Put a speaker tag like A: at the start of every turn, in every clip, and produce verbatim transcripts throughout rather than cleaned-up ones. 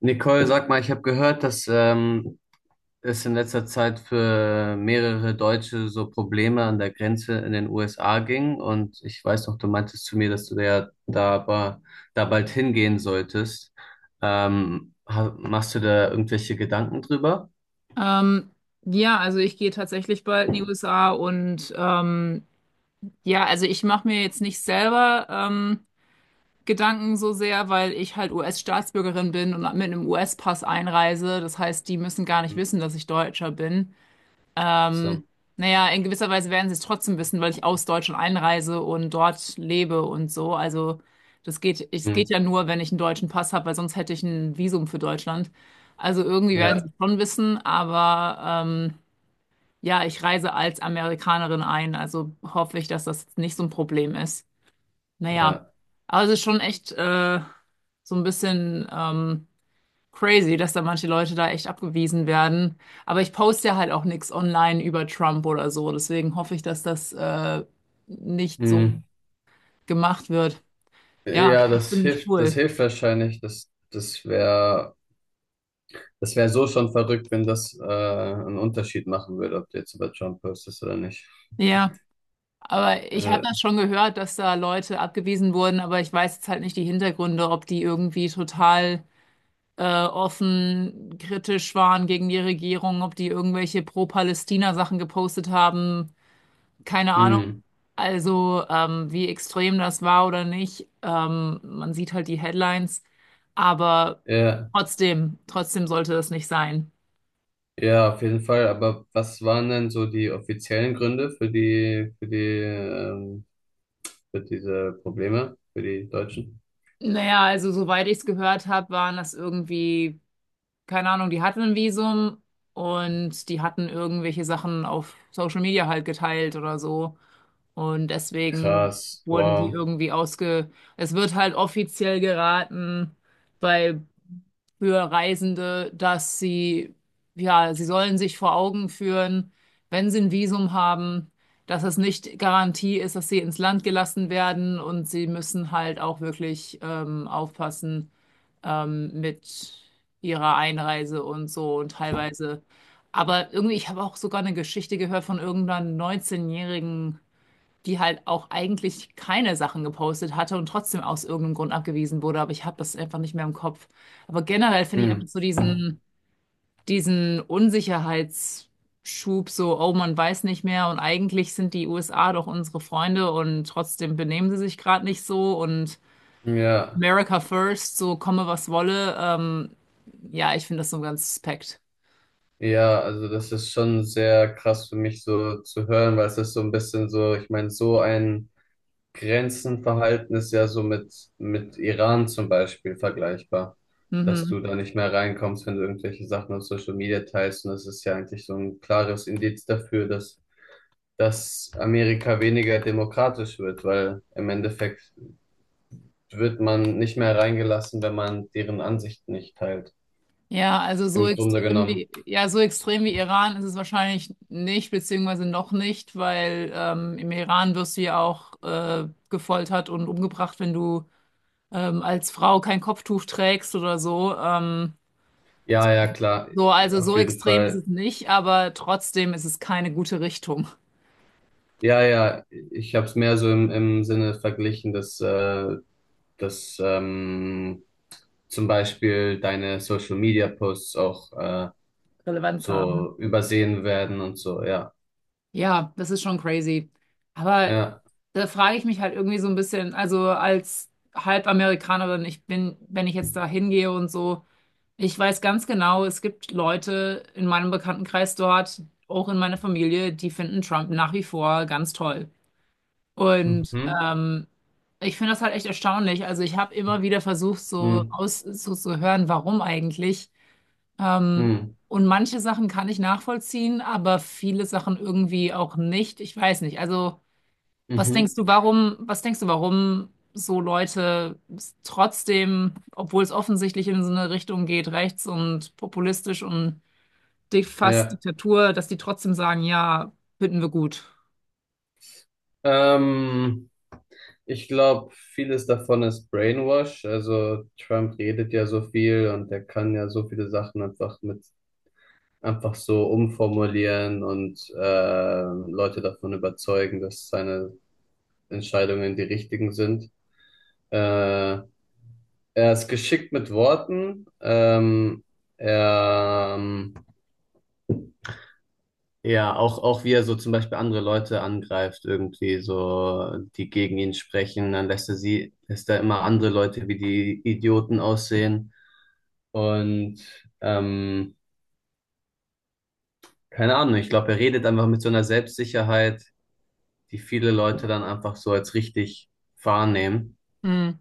A: Nicole, sag mal, ich habe gehört, dass ähm, es in letzter Zeit für mehrere Deutsche so Probleme an der Grenze in den U S A ging. Und ich weiß noch, du meintest zu mir, dass du da, ja da, ba- da bald hingehen solltest. Ähm, ha- machst du da irgendwelche Gedanken drüber?
B: Ähm, ja, also ich gehe tatsächlich bald in die U S A und ähm, ja, also ich mache mir jetzt nicht selber ähm, Gedanken so sehr, weil ich halt U S-Staatsbürgerin bin und mit einem U S-Pass einreise. Das heißt, die müssen gar nicht
A: Hm,
B: wissen, dass ich Deutscher bin.
A: ach
B: Ähm,
A: so.
B: naja, in gewisser Weise werden sie es trotzdem wissen, weil ich aus Deutschland einreise und dort lebe und so. Also das geht, es
A: Hm,
B: geht ja nur, wenn ich einen deutschen Pass habe, weil sonst hätte ich ein Visum für Deutschland. Also irgendwie werden sie
A: ja,
B: es schon wissen, aber ähm, ja, ich reise als Amerikanerin ein, also hoffe ich, dass das nicht so ein Problem ist. Naja,
A: ja.
B: aber es ist schon echt äh, so ein bisschen ähm, crazy, dass da manche Leute da echt abgewiesen werden. Aber ich poste ja halt auch nichts online über Trump oder so, deswegen hoffe ich, dass das äh, nicht so
A: Hm.
B: gemacht wird. Ja,
A: Ja, das
B: ziemlich
A: hilft, das
B: cool.
A: hilft wahrscheinlich. Das, das wäre, das wäre so schon verrückt, wenn das äh, einen Unterschied machen würde, ob du jetzt über Trump postest oder nicht.
B: Ja, aber ich habe
A: Äh,
B: das schon gehört, dass da Leute abgewiesen wurden, aber ich weiß jetzt halt nicht die Hintergründe, ob die irgendwie total äh, offen kritisch waren gegen die Regierung, ob die irgendwelche Pro-Palästina-Sachen gepostet haben, keine Ahnung.
A: hm,
B: Also, ähm, wie extrem das war oder nicht, ähm, man sieht halt die Headlines, aber
A: ja,
B: trotzdem, trotzdem sollte das nicht sein.
A: ja, auf jeden Fall. Aber was waren denn so die offiziellen Gründe für die, für die, ähm, für diese Probleme für die Deutschen?
B: Naja, also soweit ich es gehört habe, waren das irgendwie, keine Ahnung, die hatten ein Visum und die hatten irgendwelche Sachen auf Social Media halt geteilt oder so. Und deswegen
A: Krass,
B: wurden die
A: wow.
B: irgendwie ausge... Es wird halt offiziell geraten bei für Reisende, dass sie, ja, sie sollen sich vor Augen führen, wenn sie ein Visum haben, dass es nicht Garantie ist, dass sie ins Land gelassen werden und sie müssen halt auch wirklich ähm, aufpassen ähm, mit ihrer Einreise und so und teilweise. Aber irgendwie, ich habe auch sogar eine Geschichte gehört von irgendeiner neunzehn-jährigen, die halt auch eigentlich keine Sachen gepostet hatte und trotzdem aus irgendeinem Grund abgewiesen wurde, aber ich habe das einfach nicht mehr im Kopf. Aber generell finde ich
A: Hm,
B: einfach so diesen, diesen Unsicherheitsschub, so, oh, man weiß nicht mehr und eigentlich sind die U S A doch unsere Freunde und trotzdem benehmen sie sich gerade nicht so und
A: ja,
B: America first, so komme was wolle. Ähm, ja, ich finde das so ganz suspekt.
A: ja, also das ist schon sehr krass für mich so zu hören, weil es ist so ein bisschen so, ich meine, so ein Grenzen verhalten ist ja so mit, mit Iran zum Beispiel vergleichbar, dass du
B: Mhm.
A: da nicht mehr reinkommst, wenn du irgendwelche Sachen auf Social Media teilst. Und das ist ja eigentlich so ein klares Indiz dafür, dass, dass Amerika weniger demokratisch wird, weil im Endeffekt wird man nicht mehr reingelassen, wenn man deren Ansichten nicht teilt.
B: Ja, also so
A: Im Grunde
B: extrem
A: genommen.
B: wie, ja, so extrem wie Iran ist es wahrscheinlich nicht, beziehungsweise noch nicht, weil ähm, im Iran wirst du ja auch äh, gefoltert und umgebracht, wenn du ähm, als Frau kein Kopftuch trägst oder so. Ähm,
A: Ja, ja, klar,
B: so, also so
A: auf jeden
B: extrem ist
A: Fall.
B: es nicht, aber trotzdem ist es keine gute Richtung.
A: Ja, ja, ich habe es mehr so im, im Sinne verglichen, dass, äh, dass ähm, zum Beispiel deine Social Media Posts auch äh,
B: Relevanz haben.
A: so übersehen werden und so, ja.
B: Ja, das ist schon crazy. Aber
A: Ja.
B: da frage ich mich halt irgendwie so ein bisschen, also als Halbamerikanerin, ich bin, wenn ich jetzt da hingehe und so. Ich weiß ganz genau, es gibt Leute in meinem Bekanntenkreis dort, auch in meiner Familie, die finden Trump nach wie vor ganz toll. Und
A: Mhm.
B: ähm, ich finde das halt echt erstaunlich. Also ich habe immer wieder versucht, so
A: Mhm.
B: aus so zu hören, warum eigentlich. Ähm,
A: Mhm.
B: und manche Sachen kann ich nachvollziehen, aber viele Sachen irgendwie auch nicht. Ich weiß nicht. Also was denkst
A: Mhm.
B: du, warum, was denkst du, warum so Leute s- trotzdem, obwohl es offensichtlich in so eine Richtung geht, rechts und populistisch und di- fast
A: Ja.
B: Diktatur, dass die trotzdem sagen, ja, finden wir gut?
A: Ähm, Ich glaube, vieles davon ist Brainwash. Also Trump redet ja so viel und er kann ja so viele Sachen einfach mit einfach so umformulieren und äh, Leute davon überzeugen, dass seine Entscheidungen die richtigen sind. Äh, Er ist geschickt mit Worten. Ähm, er, ähm, ja, auch, auch wie er so zum Beispiel andere Leute angreift, irgendwie so, die gegen ihn sprechen, dann lässt er sie, lässt er immer andere Leute wie die Idioten aussehen. Und ähm, Keine Ahnung, ich glaube, er redet einfach mit so einer Selbstsicherheit, die viele Leute dann einfach so als richtig wahrnehmen.
B: Hm.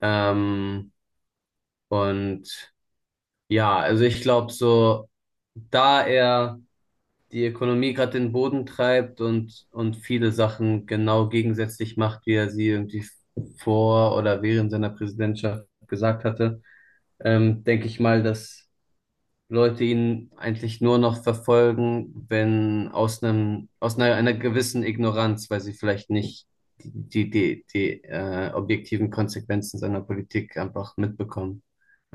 A: Ähm, und ja, also ich glaube so, da er die Ökonomie gerade den Boden treibt und, und viele Sachen genau gegensätzlich macht, wie er sie irgendwie vor oder während seiner Präsidentschaft gesagt hatte, ähm, denke ich mal, dass Leute ihn eigentlich nur noch verfolgen, wenn aus einem, aus einer, einer gewissen Ignoranz, weil sie vielleicht nicht die, die, die, die äh, objektiven Konsequenzen seiner Politik einfach mitbekommen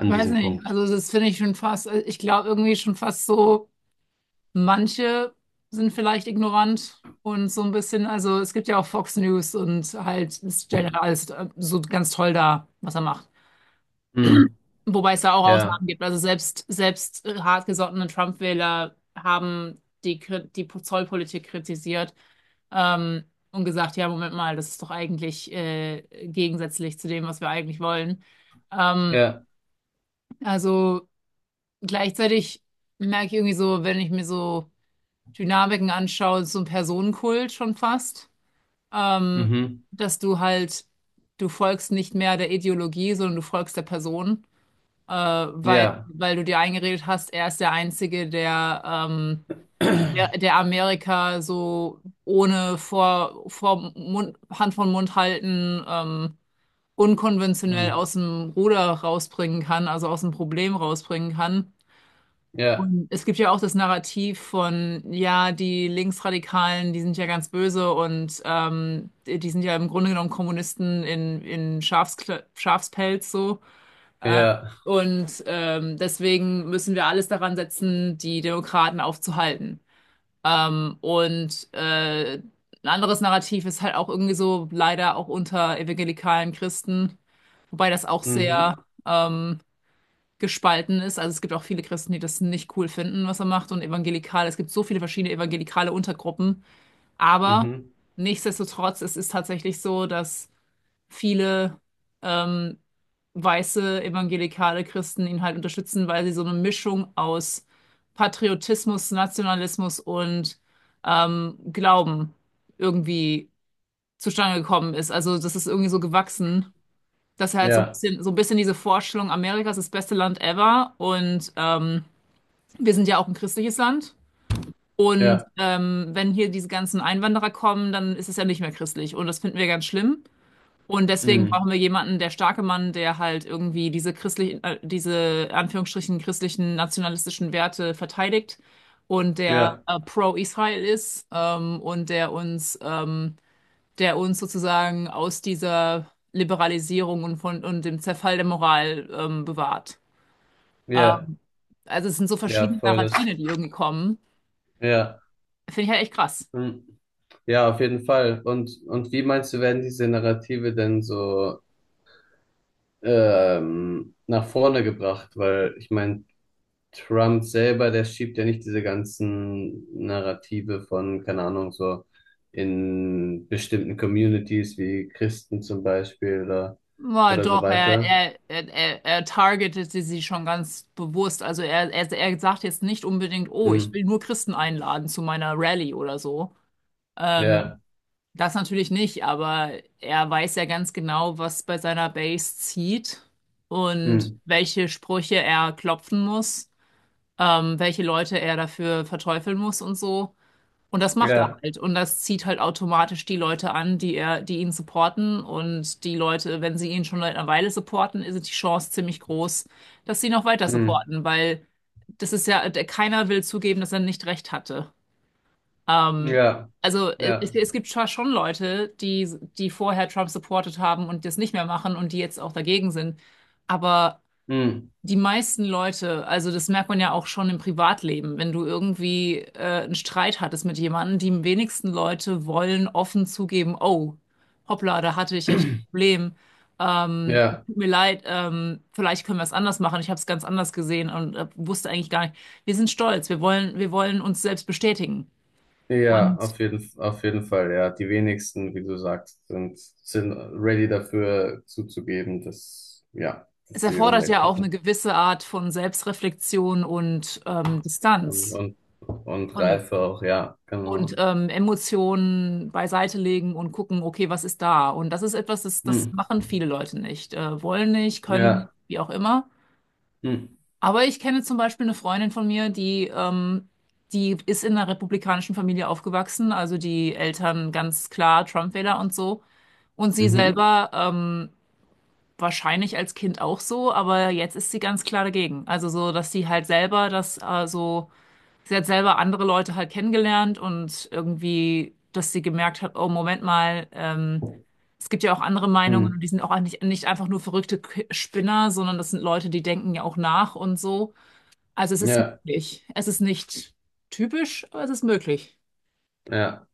B: Ich weiß
A: diesem
B: nicht.
A: Punkt.
B: Also das finde ich schon fast, äh, ich glaube irgendwie schon fast so, manche sind vielleicht ignorant und so ein bisschen, also es gibt ja auch Fox News und halt, es stellt ja alles äh, so ganz toll dar, was er macht.
A: Hm,
B: Wobei es da auch Ausnahmen
A: ja,
B: gibt. Also selbst, selbst äh, hartgesottene Trump-Wähler haben die, Kri- die Zollpolitik kritisiert ähm, und gesagt, ja, Moment mal, das ist doch eigentlich äh, gegensätzlich zu dem, was wir eigentlich wollen. Ähm,
A: ja,
B: also gleichzeitig merke ich irgendwie so, wenn ich mir so Dynamiken anschaue, so ein Personenkult schon fast, ähm,
A: mhm,
B: dass du halt, du folgst nicht mehr der Ideologie, sondern du folgst der Person äh, weil,
A: ja,
B: weil du dir eingeredet hast, er ist der Einzige, der, ähm, der, der Amerika so ohne vor, vor Mund, Hand von Mund halten, ähm, unkonventionell
A: hm,
B: aus dem Ruder rausbringen kann, also aus dem Problem rausbringen kann.
A: ja.
B: Und es gibt ja auch das Narrativ von, ja, die Linksradikalen, die sind ja ganz böse und ähm, die die sind ja im Grunde genommen Kommunisten in, in Schafskle Schafspelz so. Äh,
A: Ja.
B: und ähm, deswegen müssen wir alles daran setzen, die Demokraten aufzuhalten. Ähm, und äh, ein anderes Narrativ ist halt auch irgendwie so leider auch unter evangelikalen Christen, wobei das auch
A: Mhm.
B: sehr ähm, gespalten ist. Also es gibt auch viele Christen, die das nicht cool finden, was er macht und evangelikale. Es gibt so viele verschiedene evangelikale Untergruppen, aber
A: Mhm.
B: nichtsdestotrotz, es ist tatsächlich so, dass viele ähm, weiße evangelikale Christen ihn halt unterstützen, weil sie so eine Mischung aus Patriotismus, Nationalismus und ähm, Glauben irgendwie zustande gekommen ist. Also das ist irgendwie so gewachsen, dass er halt so ein
A: Ja.
B: bisschen, so ein bisschen diese Vorstellung, Amerika ist das beste Land ever und ähm, wir sind ja auch ein christliches Land. Und
A: Ja.
B: ähm, wenn hier diese ganzen Einwanderer kommen, dann ist es ja nicht mehr christlich. Und das finden wir ganz schlimm. Und deswegen brauchen
A: Mhm.
B: wir jemanden, der starke Mann, der halt irgendwie diese christlichen, äh, diese Anführungsstrichen christlichen nationalistischen Werte verteidigt und der
A: Ja.
B: äh, pro-Israel ist ähm, und der uns, ähm, der uns sozusagen aus dieser Liberalisierung und von und dem Zerfall der Moral ähm, bewahrt.
A: Ja.
B: Also es sind so
A: Ja,
B: verschiedene
A: voll das.
B: Narrative, die irgendwie kommen.
A: Ja.
B: Finde ich halt echt krass.
A: Mhm. Ja, auf jeden Fall. Und, und wie meinst du, werden diese Narrative denn so ähm, nach vorne gebracht? Weil ich meine, Trump selber, der schiebt ja nicht diese ganzen Narrative von, keine Ahnung, so in bestimmten Communities wie Christen zum Beispiel oder,
B: Ja,
A: oder so
B: doch, er,
A: weiter.
B: er, er, er er targetete sie schon ganz bewusst. Also er, er, er sagt jetzt nicht unbedingt, oh, ich
A: Mhm.
B: will nur Christen einladen zu meiner Rallye oder so. Ähm,
A: Ja.
B: Das natürlich nicht, aber er weiß ja ganz genau, was bei seiner Base zieht und
A: Mhm.
B: welche Sprüche er klopfen muss, ähm, welche Leute er dafür verteufeln muss und so. Und das macht er
A: Ja.
B: halt. Und das zieht halt automatisch die Leute an, die er, die ihn supporten. Und die Leute, wenn sie ihn schon seit einer Weile supporten, ist die Chance ziemlich groß, dass sie noch weiter
A: Mhm.
B: supporten, weil das ist ja, der, keiner will zugeben, dass er nicht recht hatte. Ähm,
A: Ja,
B: also äh, es,
A: ja.
B: es gibt zwar schon Leute, die, die vorher Trump supportet haben und das nicht mehr machen und die jetzt auch dagegen sind. Aber
A: Hm.
B: die meisten Leute, also das merkt man ja auch schon im Privatleben, wenn du irgendwie äh, einen Streit hattest mit jemandem, die wenigsten Leute wollen offen zugeben, oh, hoppla, da hatte ich echt ein Problem. Ähm,
A: Ja,
B: tut mir leid, ähm, vielleicht können wir es anders machen. Ich habe es ganz anders gesehen und äh, wusste eigentlich gar nicht. Wir sind stolz, wir wollen, wir wollen uns selbst bestätigen.
A: ja,
B: Und
A: auf jeden, auf jeden Fall, ja. Die wenigsten, wie du sagst, sind, sind ready dafür zuzugeben, dass, ja,
B: es
A: dass sie
B: erfordert ja
A: Unrecht
B: auch eine
A: hatten.
B: gewisse Art von Selbstreflexion und ähm,
A: Und,
B: Distanz.
A: und, und
B: Und
A: Reife auch, ja, genau.
B: und ähm, Emotionen beiseite legen und gucken, okay, was ist da? Und das ist etwas, das, das
A: Hm.
B: machen viele Leute nicht. Äh, wollen nicht, können nicht,
A: Ja.
B: wie auch immer.
A: Hm.
B: Aber ich kenne zum Beispiel eine Freundin von mir, die, ähm, die ist in einer republikanischen Familie aufgewachsen, also die Eltern ganz klar Trump-Wähler und so. Und sie
A: Mhm.
B: selber ähm, wahrscheinlich als Kind auch so, aber jetzt ist sie ganz klar dagegen. Also so, dass sie halt selber das äh, so. Sie hat selber andere Leute halt kennengelernt und irgendwie, dass sie gemerkt hat, oh, Moment mal, ähm, es gibt ja auch andere Meinungen und
A: Hm.
B: die sind auch nicht, nicht einfach nur verrückte K- Spinner, sondern das sind Leute, die denken ja auch nach und so. Also es ist
A: Ja,
B: möglich. Es ist nicht typisch, aber es ist möglich.
A: ja.